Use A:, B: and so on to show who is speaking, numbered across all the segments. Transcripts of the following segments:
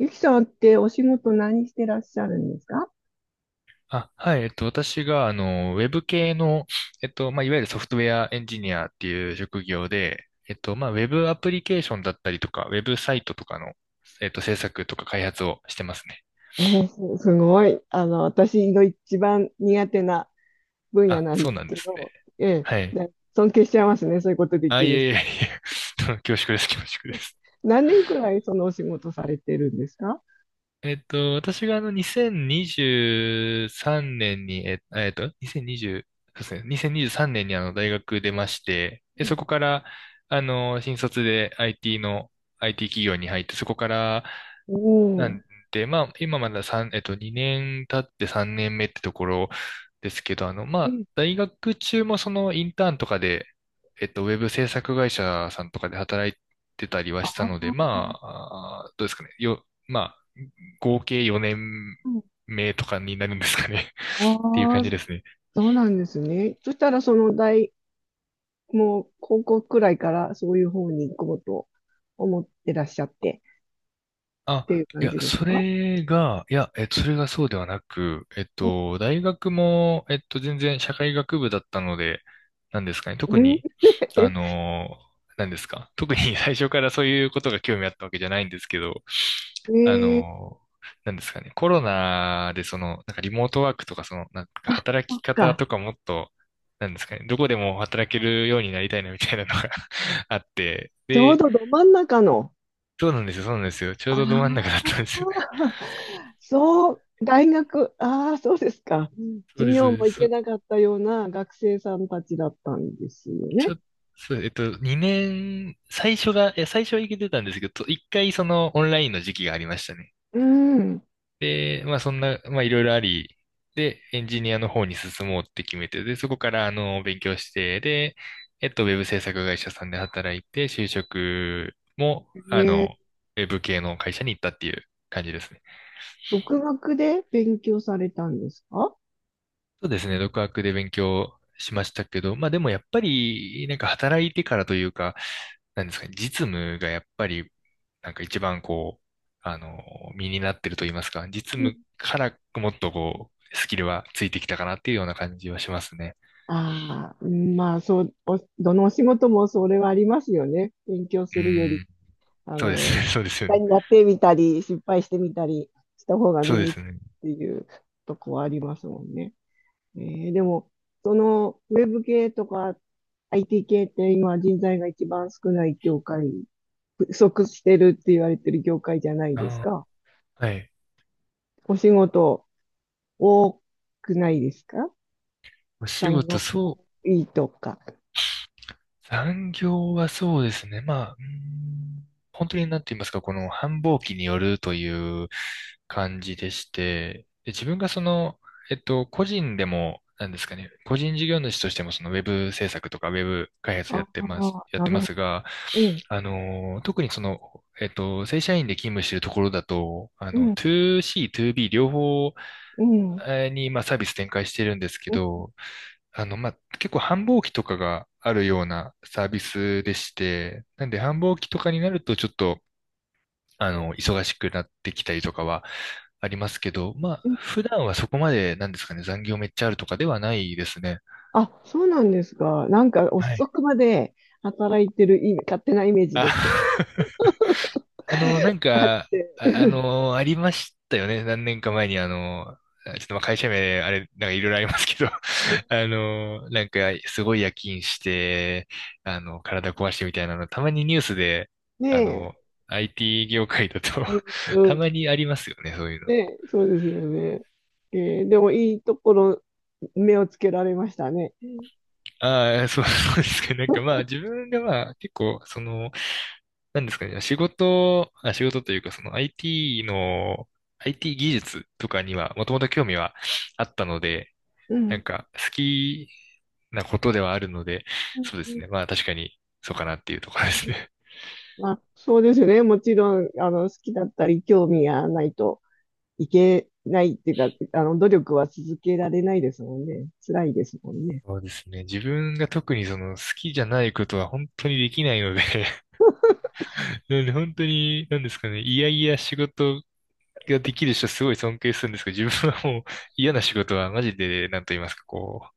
A: ゆきさんってお仕事何してらっしゃるんですか？
B: あ、はい、私が、ウェブ系の、いわゆるソフトウェアエンジニアっていう職業で、ウェブアプリケーションだったりとか、ウェブサイトとかの、制作とか開発をしてますね。
A: えー、す、すごい。私の一番苦手な分野
B: あ、
A: なん
B: そ
A: で
B: う
A: す
B: なん
A: け
B: ですね。
A: ど、え
B: は
A: ー、
B: い。
A: だ尊敬しちゃいますね。そういうことで
B: あ、
A: き
B: い
A: る
B: え
A: 人。
B: いえいえ、恐縮です、恐縮です。
A: 何年くらいそのお仕事されてるんですか？
B: 私が2023年にじゅうさんねんに、2020、そうですね、年にじゅうさんねんに大学出まして、で、そこから、新卒で IT の、IT 企業に入って、そこから、
A: お
B: な
A: お、
B: んで、まあ、今まだ3、2年経って3年目ってところですけど、
A: え、
B: 大学中もそのインターンとかで、ウェブ制作会社さんとかで働いてたりは
A: あ
B: した
A: あ
B: ので、
A: ー、
B: まあ、あーどうですかね。よ、まあ、合計4年
A: うん。
B: 目とかになるんですかね っていう
A: あ
B: 感
A: あ、
B: じ
A: そ
B: ですね。
A: うなんですね。そしたら、その大、もう、高校くらいから、そういう方に行こうと思ってらっしゃって、ってい
B: あ、
A: う
B: い
A: 感
B: や、
A: じですか？
B: それがそうではなく、大学も、全然社会学部だったので、なんですかね、特
A: うん。
B: に、あ のー、なんですか、特に 最初からそういうことが興味あったわけじゃないんですけど、
A: え、
B: あのなんですかね、コロナでその、なんかリモートワークとか、その、なんか働
A: そっ
B: き方
A: か。
B: とかもっと、なんですかね、どこでも働けるようになりたいなみたいなのが あって、
A: ちょう
B: で、
A: どど真ん中の。
B: そうなんですよ、そうなんですよ、ちょ
A: あ
B: うどど真ん中だっ
A: あ、
B: たんです。
A: そう、大学、ああ、そうですか。うん。
B: そう
A: 授
B: です、そ
A: 業
B: うで
A: も行け
B: す。
A: なかったような学生さんたちだったんですよ
B: ち
A: ね。
B: ょ、そう、2年、最初はいけてたんですけど、1回そのオンラインの時期がありましたね。
A: うん。
B: で、まあそんな、まあいろいろあり、で、エンジニアの方に進もうって決めて、で、そこから勉強して、で、ウェブ制作会社さんで働いて、就職も、
A: え、
B: ウェブ系の会社に行ったっていう感じですね。
A: 独学で勉強されたんですか？
B: そうですね、独学で勉強しましたけど、まあでもやっぱり、なんか働いてからというか、なんですかね、実務がやっぱり、なんか一番こう、あの、身になってると言いますか、実
A: うん。
B: 務からもっとこう、スキルはついてきたかなっていうような感じはしますね。
A: ああ、まあ、そう、どのお仕事もそれはありますよね。勉強す
B: う
A: るよ
B: ー
A: り、
B: ん、そうです
A: 実
B: ね、そうですよ
A: 際
B: ね。
A: にやってみたり、失敗してみたりした方が
B: そ
A: 身
B: うで
A: に
B: す
A: つくっ
B: ね。
A: ていうとこはありますもんね。でも、ウェブ系とか IT 系って今人材が一番少ない業界、不足してるって言われてる業界じゃないです
B: あ
A: か。
B: ー、はい。
A: お仕事多くないですか？
B: お仕
A: 才
B: 事、
A: 能
B: そう、
A: いいとか。
B: 残業はそうですね。まあ、本当になんて言いますか、この繁忙期によるという感じでして、で、自分がその、個人でも、なんですかね、個人事業主としてもそのウェブ制作とかウェブ開発
A: あ
B: やってます、
A: あ、
B: やっ
A: な
B: て
A: る
B: ま
A: ほど。
B: すが、
A: ええ。
B: 特にその、正社員で勤務しているところだと、
A: うん、
B: 2C、2B 両方
A: うん、うん、
B: に、まあ、サービス展開してるんですけど、まあ、結構繁忙期とかがあるようなサービスでして、なんで繁忙期とかになるとちょっと、忙しくなってきたりとかはありますけど、まあ、
A: うん。
B: 普段はそこまで、なんですかね、残業めっちゃあるとかではないですね。
A: あ、そうなんですか。なんか
B: は
A: 遅
B: い。
A: くまで働いてる勝手なイメージですけど。
B: あ あの、なん
A: あっ
B: か、
A: て。
B: ありましたよね。何年か前に、ちょっとまあ会社名、あれ、なんかいろいろありますけど、すごい夜勤して、体壊してみたいなの、たまにニュースで、あ
A: ね
B: の、IT 業界だと
A: え。う ん、
B: た
A: うん。
B: まにありますよね、そういうの。
A: ねえ、そうですよね。ええ、でもいいところ、目をつけられましたね。うん。
B: ああ、そう、そうですか。なんかまあ、自分がまあ、結構、その、なんですかね、仕事というか、その IT の、IT 技術とかには、もともと興味はあったので、
A: う
B: なん
A: ん、
B: か好きなことではあるので、
A: う
B: そうです
A: ん。
B: ね。まあ確かにそうかなっていうところですね。
A: まあ、そうですよね。もちろん、好きだったり、興味がないと。いけないっていうか、努力は続けられないですもんね。辛いですもんね。
B: そうですね。自分が特にその好きじゃないことは本当にできないので なんで 本当に、なんですかね。いやいや仕事ができる人すごい尊敬するんですけど、自分はもう嫌な仕事はマジで、なんと言いますか、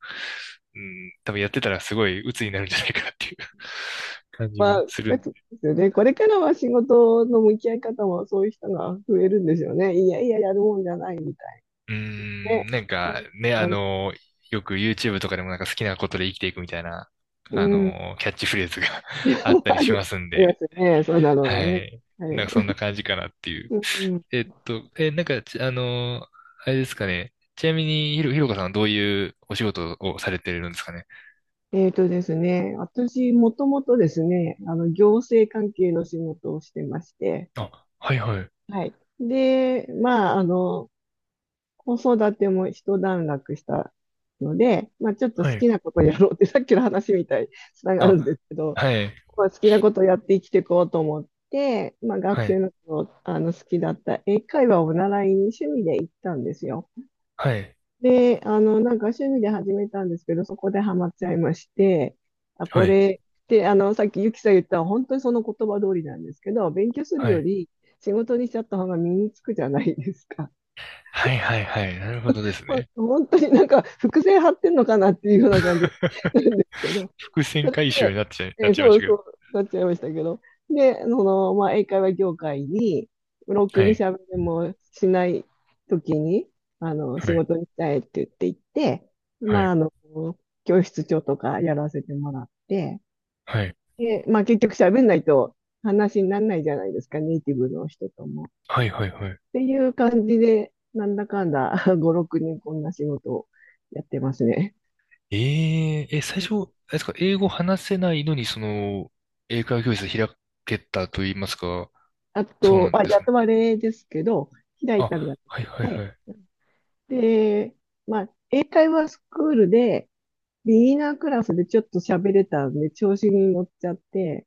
B: う、う多分やってたらすごい鬱になるんじゃないかなっていう 感じ
A: まあ、
B: がするん
A: で
B: で。
A: すよね。これからは仕事の向き合い方もそういう人が増えるんですよね。いやいや、やるもんじゃないみたい
B: うー
A: な
B: ん、
A: ね。
B: なん
A: かん
B: かね、
A: あの
B: よく YouTube とかでもなんか好きなことで生きていくみたいな、
A: うん。
B: キャッチフレーズが あっ たり
A: あ
B: し
A: り、
B: ますん
A: ありま
B: で、
A: すね。そうだろうな
B: は
A: ね。
B: い。
A: はい。
B: なんかそんな感じかなっていう。
A: うん、うん。
B: えっと、え、なんかち、あの、あれですかね。ちなみに、ひろかさんはどういうお仕事をされてるんですかね。
A: ですね。私、もともとですね、行政関係の仕事をしてまして、
B: あ、はいはい。
A: はい。で、まあ、子育ても一段落したので、まあ、ちょっと好
B: はい。
A: きなことやろうって、さっきの話みたいにつながるんで
B: あ、
A: すけど、
B: はい。
A: まあ、好きなことやって生きていこうと思って、まあ、学
B: は
A: 生
B: い。
A: の頃、あの好きだった英会話を習いに趣味で行ったんですよ。
B: はい。
A: で、なんか趣味で始めたんですけど、そこでハマっちゃいまして、あ、こ
B: はい。
A: れって、さっきゆきさん言った本当にその言葉通りなんですけど、勉強する
B: は
A: よ
B: い。
A: り仕事にしちゃった方が身につくじゃないですか。
B: はいはいはい。なるほどですね。
A: 本当になんか伏線張ってんのかなっていうような感じなんですけど、
B: 伏
A: そ
B: 線
A: れ
B: 回収に
A: で、
B: なっちゃいま
A: そ
B: し
A: う
B: たけ
A: そ
B: ど。
A: う、なっちゃいましたけど、で、まあ、英会話業界に、ロック
B: は
A: に
B: い。
A: 喋れもしない時に、仕
B: はい。
A: 事にしたいって言って行って、
B: は
A: まあ、
B: い。
A: 教室長とかやらせてもらって、
B: はい。
A: で、まあ、結局喋んないと話にならないじゃないですか、ネイティブの人とも。
B: はいはいはい。
A: っていう感じで、なんだかんだ 5、6人こんな仕事をやってますね。
B: えー、最初、あれですか、英語話せないのに、その、英会話教室開けたと言いますか、
A: あ
B: そう
A: と、
B: なん
A: まあ、
B: です
A: や
B: かね。
A: とれですけど、開いたんじゃな
B: あ、はい
A: く
B: はいは
A: て、
B: い。
A: で、まあ、英会話スクールで、ビギナークラスでちょっと喋れたんで、調子に乗っちゃって、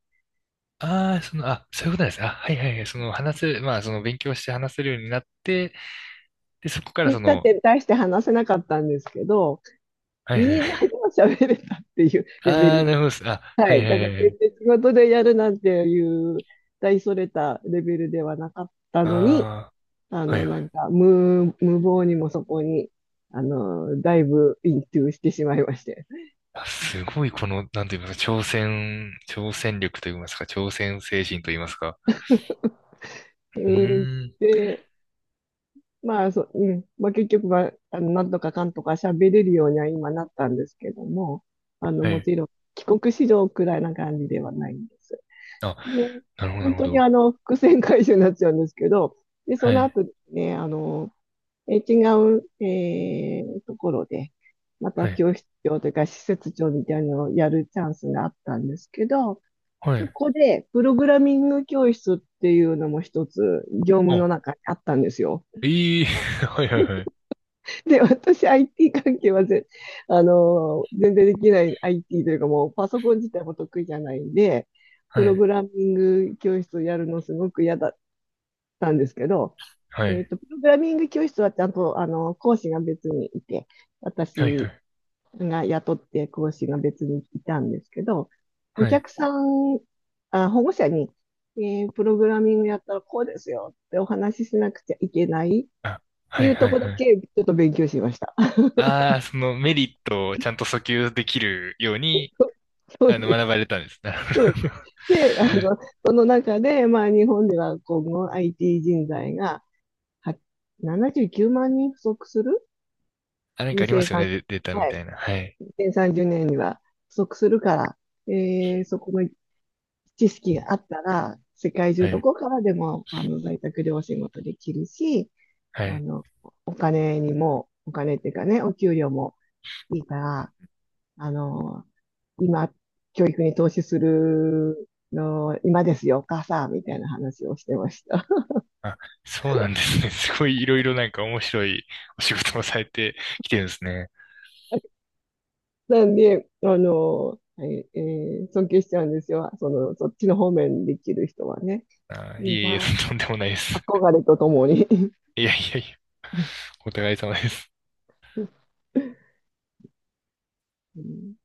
B: ああ、その、そういうことなんですね。あ、はいはいはい。その、話せ、まあ、その、勉強して話せるようになって、で、そこから
A: で、
B: そ
A: だっ
B: の、
A: て大して話せなかったんですけど、
B: はい
A: ビ
B: はいは
A: ギ
B: い。
A: ナーでも喋れたっていう レベ
B: ああ、な
A: ル。
B: るほどです。あ、
A: は
B: はい
A: い。
B: は
A: だか
B: い
A: ら
B: は
A: 全
B: い。
A: 然仕事でやるなんていう大それたレベルではなかったのに、
B: ああ、はいは
A: なん
B: い。
A: か、無謀にもそこに、だいぶイントゥしてしまいまして。
B: あ、すごい、この、なんと言いますか、挑戦力と言いますか、挑戦精神と言いますか。う
A: うん、
B: ーん、
A: で、まあ、そう、うん、まあ、結局は、なんとかかんとか喋れるようには今なったんですけども、
B: は
A: も
B: い。
A: ちろん、帰国子女くらいな感じではないんです。
B: あ、
A: で、
B: なるほど、な
A: 本
B: るほ
A: 当に
B: ど。
A: 伏線回収になっちゃうんですけど、で、そ
B: は
A: の
B: い。
A: 後ですね、違う、ところで、ま
B: は
A: た
B: い。
A: 教室長というか施設長みたいなのをやるチャンスがあったんですけど、
B: は
A: そ
B: い。
A: こでプログラミング教室っていうのも一つ業務
B: あ、
A: の中にあったんですよ。
B: いい。はいはいはい。
A: で、私 IT 関係は全然できない IT というかもうパソコン自体も得意じゃないんで、プ
B: は
A: ログ
B: い。
A: ラミング教室をやるのすごく嫌だたんですけど、
B: はい。
A: プログラミング教室はちゃんと、講師が別にいて、
B: はいは
A: 私
B: い。
A: が雇って講師が別にいたんですけど、お
B: はい。
A: 客さん、あ、保護者に、プログラミングやったらこうですよってお話ししなくちゃいけないっ
B: あ、
A: て
B: は
A: い
B: い
A: うと
B: はい
A: こだ
B: はい。
A: けちょっと勉強しました。
B: ああ、そのメリットをちゃんと訴求できるように、
A: そうです。
B: 学ばれたんです。なる
A: そう
B: ほど。
A: で、その中で、まあ日本では今後 IT 人材は79万人不足する
B: あ、なんか
A: 2
B: ありま
A: 0
B: すよ
A: 3。
B: ね、デデータみ
A: はい。
B: たいな。はい。
A: 2030年には不足するから、そこの知識があったら、世界中
B: は
A: ど
B: い。
A: こからでも在宅でお仕事できるし、
B: は
A: あ
B: い。
A: の、お金にも、お金っていうかね、お給料もいいから、あの、今、教育に投資するの、今ですよ、お母さん、みたいな話をしてました。
B: あ、そうなんですね。すごいいろいろなんか面白いお仕事もされてきてるんですね。
A: なんで、あの、ええー尊敬しちゃうんですよ。そっちの方面にできる人はね。
B: あー、
A: い
B: い
A: い
B: えいえ、
A: な、
B: とんでもないです。
A: 憧れとともに。
B: いやいやいや、お互い様です。
A: ですね。